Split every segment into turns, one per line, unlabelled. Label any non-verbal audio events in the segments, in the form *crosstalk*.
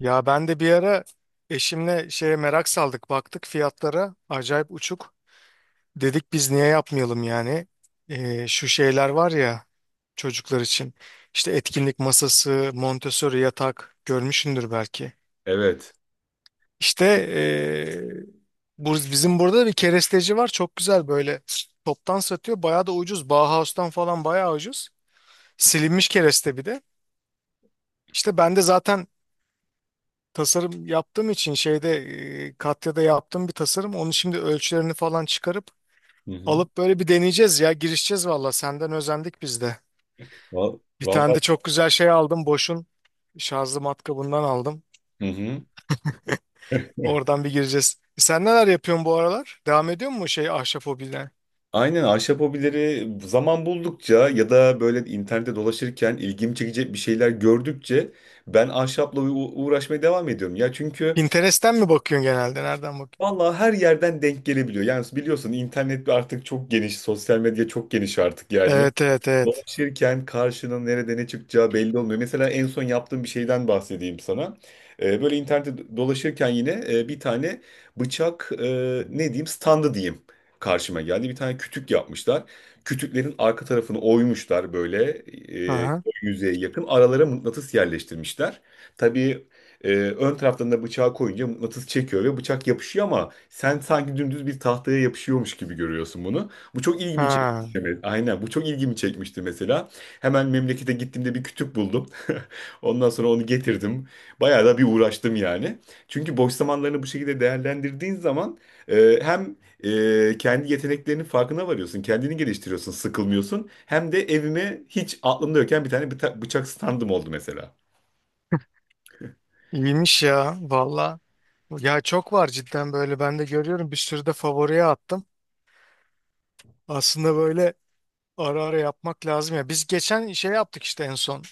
Ya ben de bir ara eşimle şeye merak saldık. Baktık fiyatlara acayip uçuk. Dedik biz niye yapmayalım yani. Şu şeyler var ya çocuklar için. İşte etkinlik masası, Montessori yatak görmüşsündür belki.
Evet.
İşte ee, bu, bizim burada bir keresteci var. Çok güzel böyle toptan satıyor. Bayağı da ucuz. Bauhaus'tan falan bayağı ucuz. Silinmiş kereste bir de. İşte ben de zaten tasarım yaptığım için şeyde Katya'da yaptığım bir tasarım. Onu şimdi ölçülerini falan çıkarıp
Hı hı.
alıp böyle bir deneyeceğiz ya. Girişeceğiz valla. Senden özendik biz de.
Val-
Bir tane
Vallahi
de çok güzel şey aldım. Boş'un şarjlı matkabından aldım.
Hı hı.
Oradan bir gireceğiz. E, sen neler yapıyorsun bu aralar? Devam ediyor mu şey ahşap hobine?
Aynen, ahşap hobileri zaman buldukça ya da böyle internette dolaşırken ilgimi çekecek bir şeyler gördükçe ben ahşapla uğraşmaya devam ediyorum. Ya çünkü
Pinterest'ten mi bakıyorsun genelde? Nereden bakıyorsun?
vallahi her yerden denk gelebiliyor. Yani biliyorsun, internet artık çok geniş, sosyal medya çok geniş artık yani.
Evet, evet, evet.
Dolaşırken karşının nerede ne çıkacağı belli olmuyor. Mesela en son yaptığım bir şeyden bahsedeyim sana. Böyle internette dolaşırken yine bir tane bıçak, ne diyeyim, standı diyeyim, karşıma geldi. Bir tane kütük yapmışlar. Kütüklerin arka tarafını oymuşlar böyle, e,
Aha.
yüzeye yakın. Aralara mıknatıs yerleştirmişler. Tabii ön taraftan da bıçağı koyunca mıknatıs çekiyor ve bıçak yapışıyor, ama sen sanki dümdüz bir tahtaya yapışıyormuş gibi görüyorsun bunu. Bu çok ilginç.
Ha.
Evet, aynen. Bu çok ilgimi çekmişti mesela. Hemen memlekete gittiğimde bir kütük buldum. *laughs* Ondan sonra onu getirdim. Bayağı da bir uğraştım yani. Çünkü boş zamanlarını bu şekilde değerlendirdiğin zaman hem kendi yeteneklerinin farkına varıyorsun, kendini geliştiriyorsun, sıkılmıyorsun. Hem de evime hiç aklımda yokken bir tane bıçak standım oldu mesela.
İyiymiş ya valla. Ya çok var cidden böyle ben de görüyorum bir sürü de favoriye attım. Aslında böyle ara ara yapmak lazım ya. Biz geçen şey yaptık işte en son.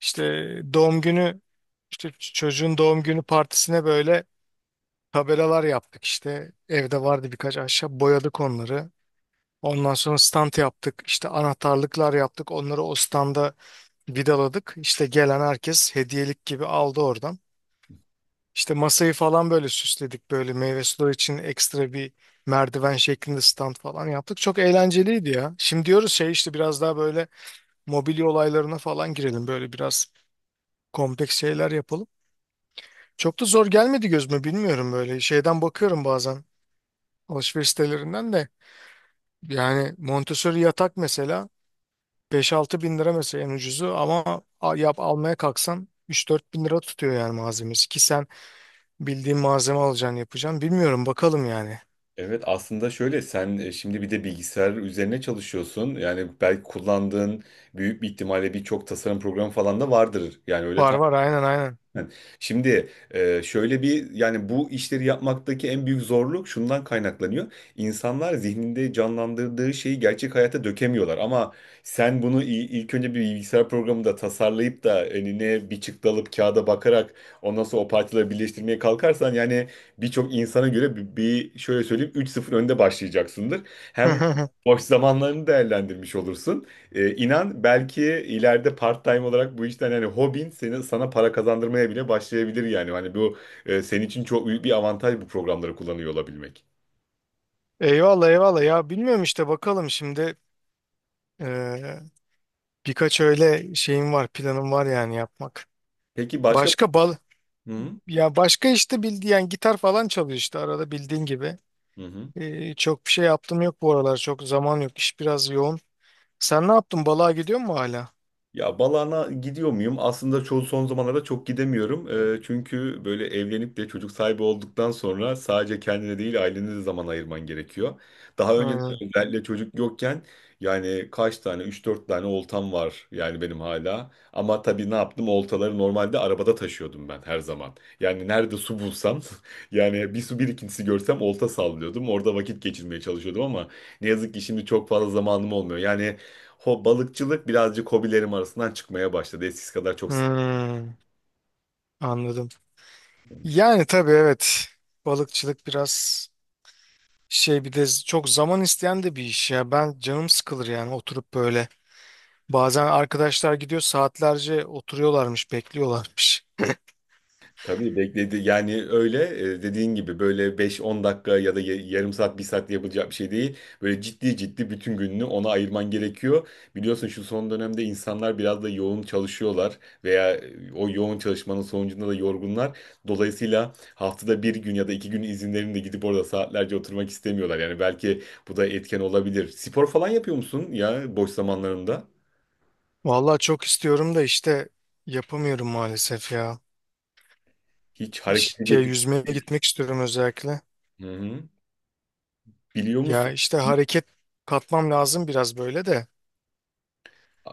İşte doğum günü işte çocuğun doğum günü partisine böyle tabelalar yaptık işte. Evde vardı birkaç ahşap boyadık onları. Ondan sonra stand yaptık. İşte anahtarlıklar yaptık. Onları o standa vidaladık. İşte gelen herkes hediyelik gibi aldı oradan. İşte masayı falan böyle süsledik. Böyle meyve suları için ekstra bir merdiven şeklinde stand falan yaptık. Çok eğlenceliydi ya. Şimdi diyoruz şey işte biraz daha böyle mobilya olaylarına falan girelim. Böyle biraz kompleks şeyler yapalım. Çok da zor gelmedi gözüme bilmiyorum böyle. Şeyden bakıyorum bazen alışveriş sitelerinden de. Yani Montessori yatak mesela 5-6 bin lira mesela en ucuzu ama al- yap almaya kalksan 3-4 bin lira tutuyor yani malzemesi ki sen bildiğin malzeme alacaksın yapacaksın. Bilmiyorum bakalım yani.
Evet, aslında şöyle, sen şimdi bir de bilgisayar üzerine çalışıyorsun. Yani belki kullandığın, büyük bir ihtimalle birçok tasarım programı falan da vardır. Yani öyle.
Var var aynen
*laughs* Şimdi şöyle bir, yani bu işleri yapmaktaki en büyük zorluk şundan kaynaklanıyor. İnsanlar zihninde canlandırdığı şeyi gerçek hayata dökemiyorlar, ama sen bunu ilk önce bir bilgisayar programında tasarlayıp da önüne bir çıktı alıp kağıda bakarak ondan sonra o parçaları birleştirmeye kalkarsan, yani birçok insana göre bir şöyle söyleyeyim, üç sıfır önde başlayacaksındır. Hem
aynen.
boş zamanlarını değerlendirmiş olursun. İnan belki ileride part-time olarak bu işten, hani hobin seni, sana para kazandırmaya bile başlayabilir yani. Hani bu senin için çok büyük bir avantaj, bu programları kullanıyor olabilmek.
*laughs* Eyvallah, eyvallah ya bilmiyorum işte bakalım şimdi eee, birkaç öyle şeyim var planım var yani yapmak.
Peki başka...
Başka bal
Hı hı.
ya başka işte bildiğin yani gitar falan çalıyor işte arada bildiğin gibi.
Hı hı.
Çok bir şey yaptım yok bu aralar. Çok zaman yok. İş biraz yoğun. Sen ne yaptın? Balığa gidiyor mu hala?
Ya, Balana gidiyor muyum? Aslında çoğu, son zamanlarda çok gidemiyorum. Çünkü böyle evlenip de çocuk sahibi olduktan sonra sadece kendine değil, ailene de zaman ayırman gerekiyor. Daha önceden,
Hmm.
özellikle çocuk yokken, yani kaç tane, üç dört tane oltam var yani benim hala. Ama tabii ne yaptım? Oltaları normalde arabada taşıyordum ben her zaman. Yani nerede su bulsam *laughs* yani bir su birikintisi görsem olta sallıyordum. Orada vakit geçirmeye çalışıyordum, ama ne yazık ki şimdi çok fazla zamanım olmuyor. Yani balıkçılık birazcık hobilerim arasından çıkmaya başladı. Eskisi kadar çok sık.
Hmm, anladım. Yani tabii evet. Balıkçılık biraz şey bir de z- çok zaman isteyen de bir iş ya. Ben canım sıkılır yani oturup böyle. Bazen arkadaşlar gidiyor saatlerce oturuyorlarmış, bekliyorlarmış.
Tabii bekledi. Yani öyle, dediğin gibi böyle beş on dakika ya da yarım saat, bir saatte yapılacak bir şey değil. Böyle ciddi ciddi bütün gününü ona ayırman gerekiyor. Biliyorsun, şu son dönemde insanlar biraz da yoğun çalışıyorlar veya o yoğun çalışmanın sonucunda da yorgunlar. Dolayısıyla haftada bir gün ya da iki gün izinlerinde gidip orada saatlerce oturmak istemiyorlar. Yani belki bu da etken olabilir. Spor falan yapıyor musun ya, boş zamanlarında?
Vallahi çok istiyorum da işte yapamıyorum maalesef ya.
Hiç harekete
Şey
geçip,
yüzmeye gitmek istiyorum özellikle.
hı hı, biliyor
Ya
musun?
işte hareket katmam lazım biraz böyle de.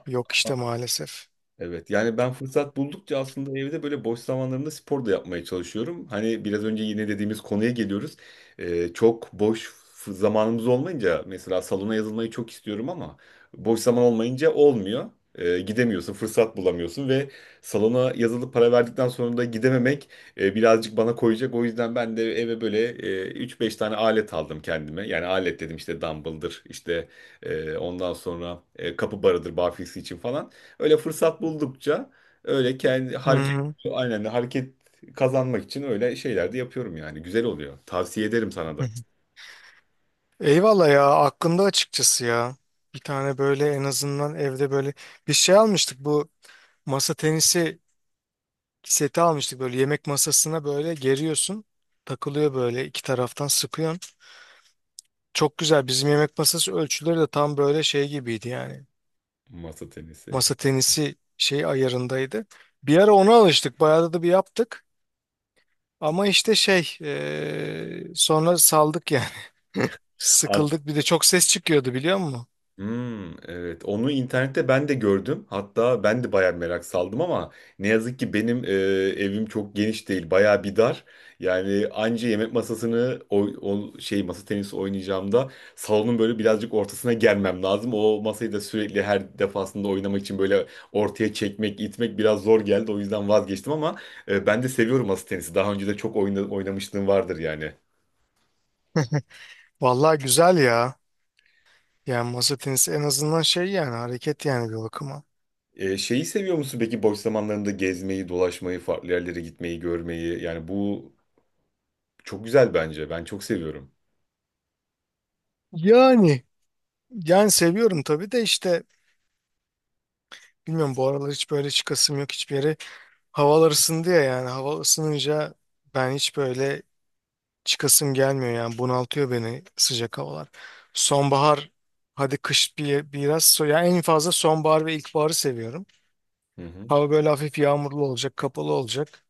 Yok işte maalesef.
Evet, yani ben fırsat buldukça aslında evde böyle boş zamanlarımda spor da yapmaya çalışıyorum. Hani biraz önce yine dediğimiz konuya geliyoruz. Çok boş zamanımız olmayınca mesela salona yazılmayı çok istiyorum, ama boş zaman olmayınca olmuyor. Gidemiyorsun, fırsat bulamıyorsun ve salona yazılıp para verdikten sonra da gidememek birazcık bana koyacak. O yüzden ben de eve böyle 3-5 tane alet aldım kendime. Yani alet dedim, işte dumbbell'dır, işte ondan sonra kapı barıdır barfiks için falan. Öyle fırsat buldukça öyle kendi
Hı
hareket,
hı.
aynen hareket kazanmak için öyle şeyler de yapıyorum yani. Güzel oluyor. Tavsiye ederim sana
Hı
da
hı. Eyvallah ya aklımda açıkçası ya. Bir tane böyle en azından evde böyle bir şey almıştık bu masa tenisi seti almıştık böyle yemek masasına böyle geriyorsun. Takılıyor böyle iki taraftan sıkıyorsun. Çok güzel bizim yemek masası ölçüleri de tam böyle şey gibiydi yani.
masa tenisi.
Masa tenisi şey ayarındaydı. Bir ara ona alıştık. Bayağı da bir yaptık. Ama işte şey sonra saldık yani. *laughs* Sıkıldık. Bir de çok ses çıkıyordu biliyor musun?
Hmm, evet. Onu internette ben de gördüm. Hatta ben de bayağı merak saldım, ama ne yazık ki benim evim çok geniş değil. Bayağı bir dar. Yani anca yemek masasını o şey, masa tenisi oynayacağımda salonun böyle birazcık ortasına gelmem lazım. O masayı da sürekli her defasında oynamak için böyle ortaya çekmek, itmek biraz zor geldi. O yüzden vazgeçtim, ama ben de seviyorum masa tenisi. Daha önce de çok oynamışlığım vardır yani.
Vallahi güzel ya. Yani masa tenisi en azından şey yani hareket yani bir bakıma.
Şeyi seviyor musun peki, boş zamanlarında gezmeyi, dolaşmayı, farklı yerlere gitmeyi, görmeyi? Yani bu çok güzel bence. Ben çok seviyorum.
Yani yani seviyorum tabii de işte bilmiyorum bu aralar hiç böyle çıkasım yok hiçbir yere. Havalar ısındı ya yani hava ısınınca ben hiç böyle çıkasım gelmiyor yani bunaltıyor beni sıcak havalar. Sonbahar hadi kış bir, biraz so yani en fazla sonbahar ve ilkbaharı seviyorum.
Hı hı.
Hava böyle hafif yağmurlu olacak, kapalı olacak.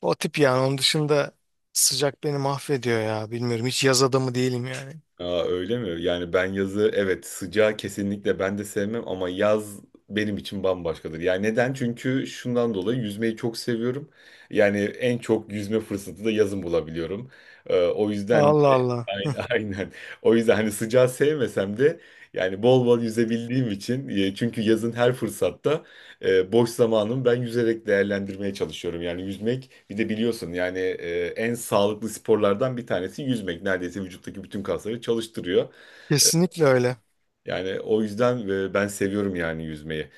O tip yani onun dışında sıcak beni mahvediyor ya bilmiyorum hiç yaz adamı değilim yani.
Aa, öyle mi? Yani ben yazı, evet sıcağı kesinlikle ben de sevmem, ama yaz benim için bambaşkadır. Yani neden? Çünkü şundan dolayı yüzmeyi çok seviyorum. Yani en çok yüzme fırsatı da yazın bulabiliyorum. O yüzden,
Allah Allah.
ay- *laughs* aynen. O yüzden hani sıcağı sevmesem de yani bol bol yüzebildiğim için, çünkü yazın her fırsatta boş zamanımı ben yüzerek değerlendirmeye çalışıyorum. Yani yüzmek, bir de biliyorsun yani en sağlıklı sporlardan bir tanesi yüzmek. Neredeyse vücuttaki bütün kasları çalıştırıyor.
Kesinlikle öyle.
Yani o yüzden ben seviyorum yani yüzmeyi.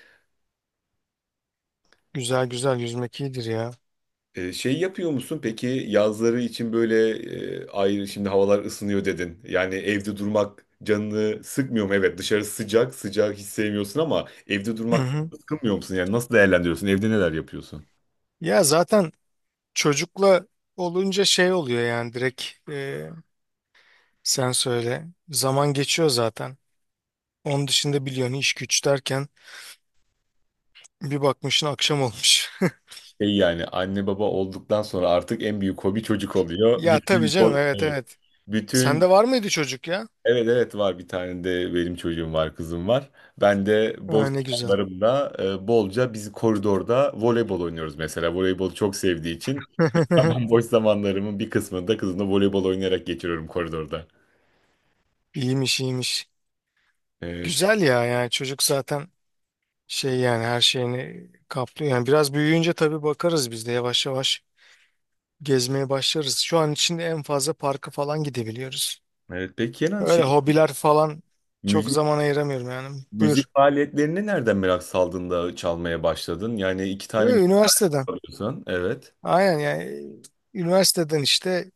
Güzel güzel, yüzmek iyidir ya.
Şey yapıyor musun peki yazları için böyle ayrı, şimdi havalar ısınıyor dedin. Yani evde durmak canını sıkmıyor mu? Evet, dışarı sıcak sıcak hiç sevmiyorsun, ama evde
Hı
durmak
hı.
sıkılmıyor musun? Yani nasıl değerlendiriyorsun? Evde neler yapıyorsun?
Ya zaten çocukla olunca şey oluyor yani direkt e, sen söyle. Zaman geçiyor zaten. Onun dışında biliyorsun iş güç derken bir bakmışsın akşam olmuş. *laughs*
Şey, yani anne baba olduktan sonra artık en büyük hobi çocuk oluyor.
Ya tabii
Bütün,
canım, evet,
evet,
evet.
bütün.
Sende var mıydı çocuk ya?
Evet, evet, var, bir tane de benim çocuğum var, kızım var. Ben de boş
Ha, ne güzel.
zamanlarımda bolca biz koridorda voleybol oynuyoruz mesela. Voleybol çok sevdiği için *laughs* mesela ben
*laughs*
boş zamanlarımın bir kısmını da kızımla voleybol oynayarak geçiriyorum koridorda.
İyiymiş, iyiymiş.
Evet.
Güzel ya yani çocuk zaten şey yani her şeyini kaplıyor. Yani biraz büyüyünce tabii bakarız biz de yavaş yavaş gezmeye başlarız. Şu an için en fazla parka falan gidebiliyoruz.
Evet peki Kenan,
Öyle hobiler falan çok
müzik
zaman ayıramıyorum yani. Buyur.
müzik faaliyetlerine nereden merak saldın da çalmaya başladın? Yani iki
Yo,
tane mi
üniversiteden.
çalıyorsun? Evet.
Aynen yani üniversiteden işte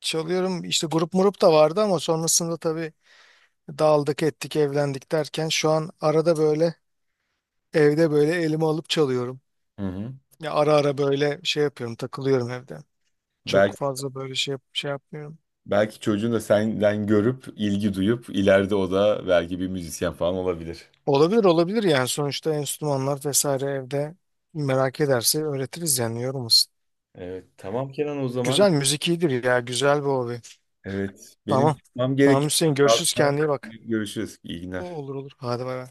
çalıyorum. İşte grup murup da vardı ama sonrasında tabii dağıldık ettik evlendik derken şu an arada böyle evde böyle elime alıp çalıyorum.
Hı hı.
Ya ara ara böyle şey yapıyorum takılıyorum evde. Çok
Belki
fazla böyle şey, yap- şey yapmıyorum.
belki çocuğun da senden görüp, ilgi duyup ileride o da belki bir müzisyen falan olabilir.
Olabilir, olabilir yani sonuçta enstrümanlar vesaire evde merak ederse öğretiriz yani yorulmasın.
Evet, tamam Kenan o zaman.
Güzel müzik iyidir ya, güzel bir hobi.
Evet, benim
Tamam.
çıkmam
Tamam Hüseyin,
gerekiyor.
görüşürüz, kendine iyi bak.
Görüşürüz. İyi
O-
günler.
Olur, olur, hadi bay bay.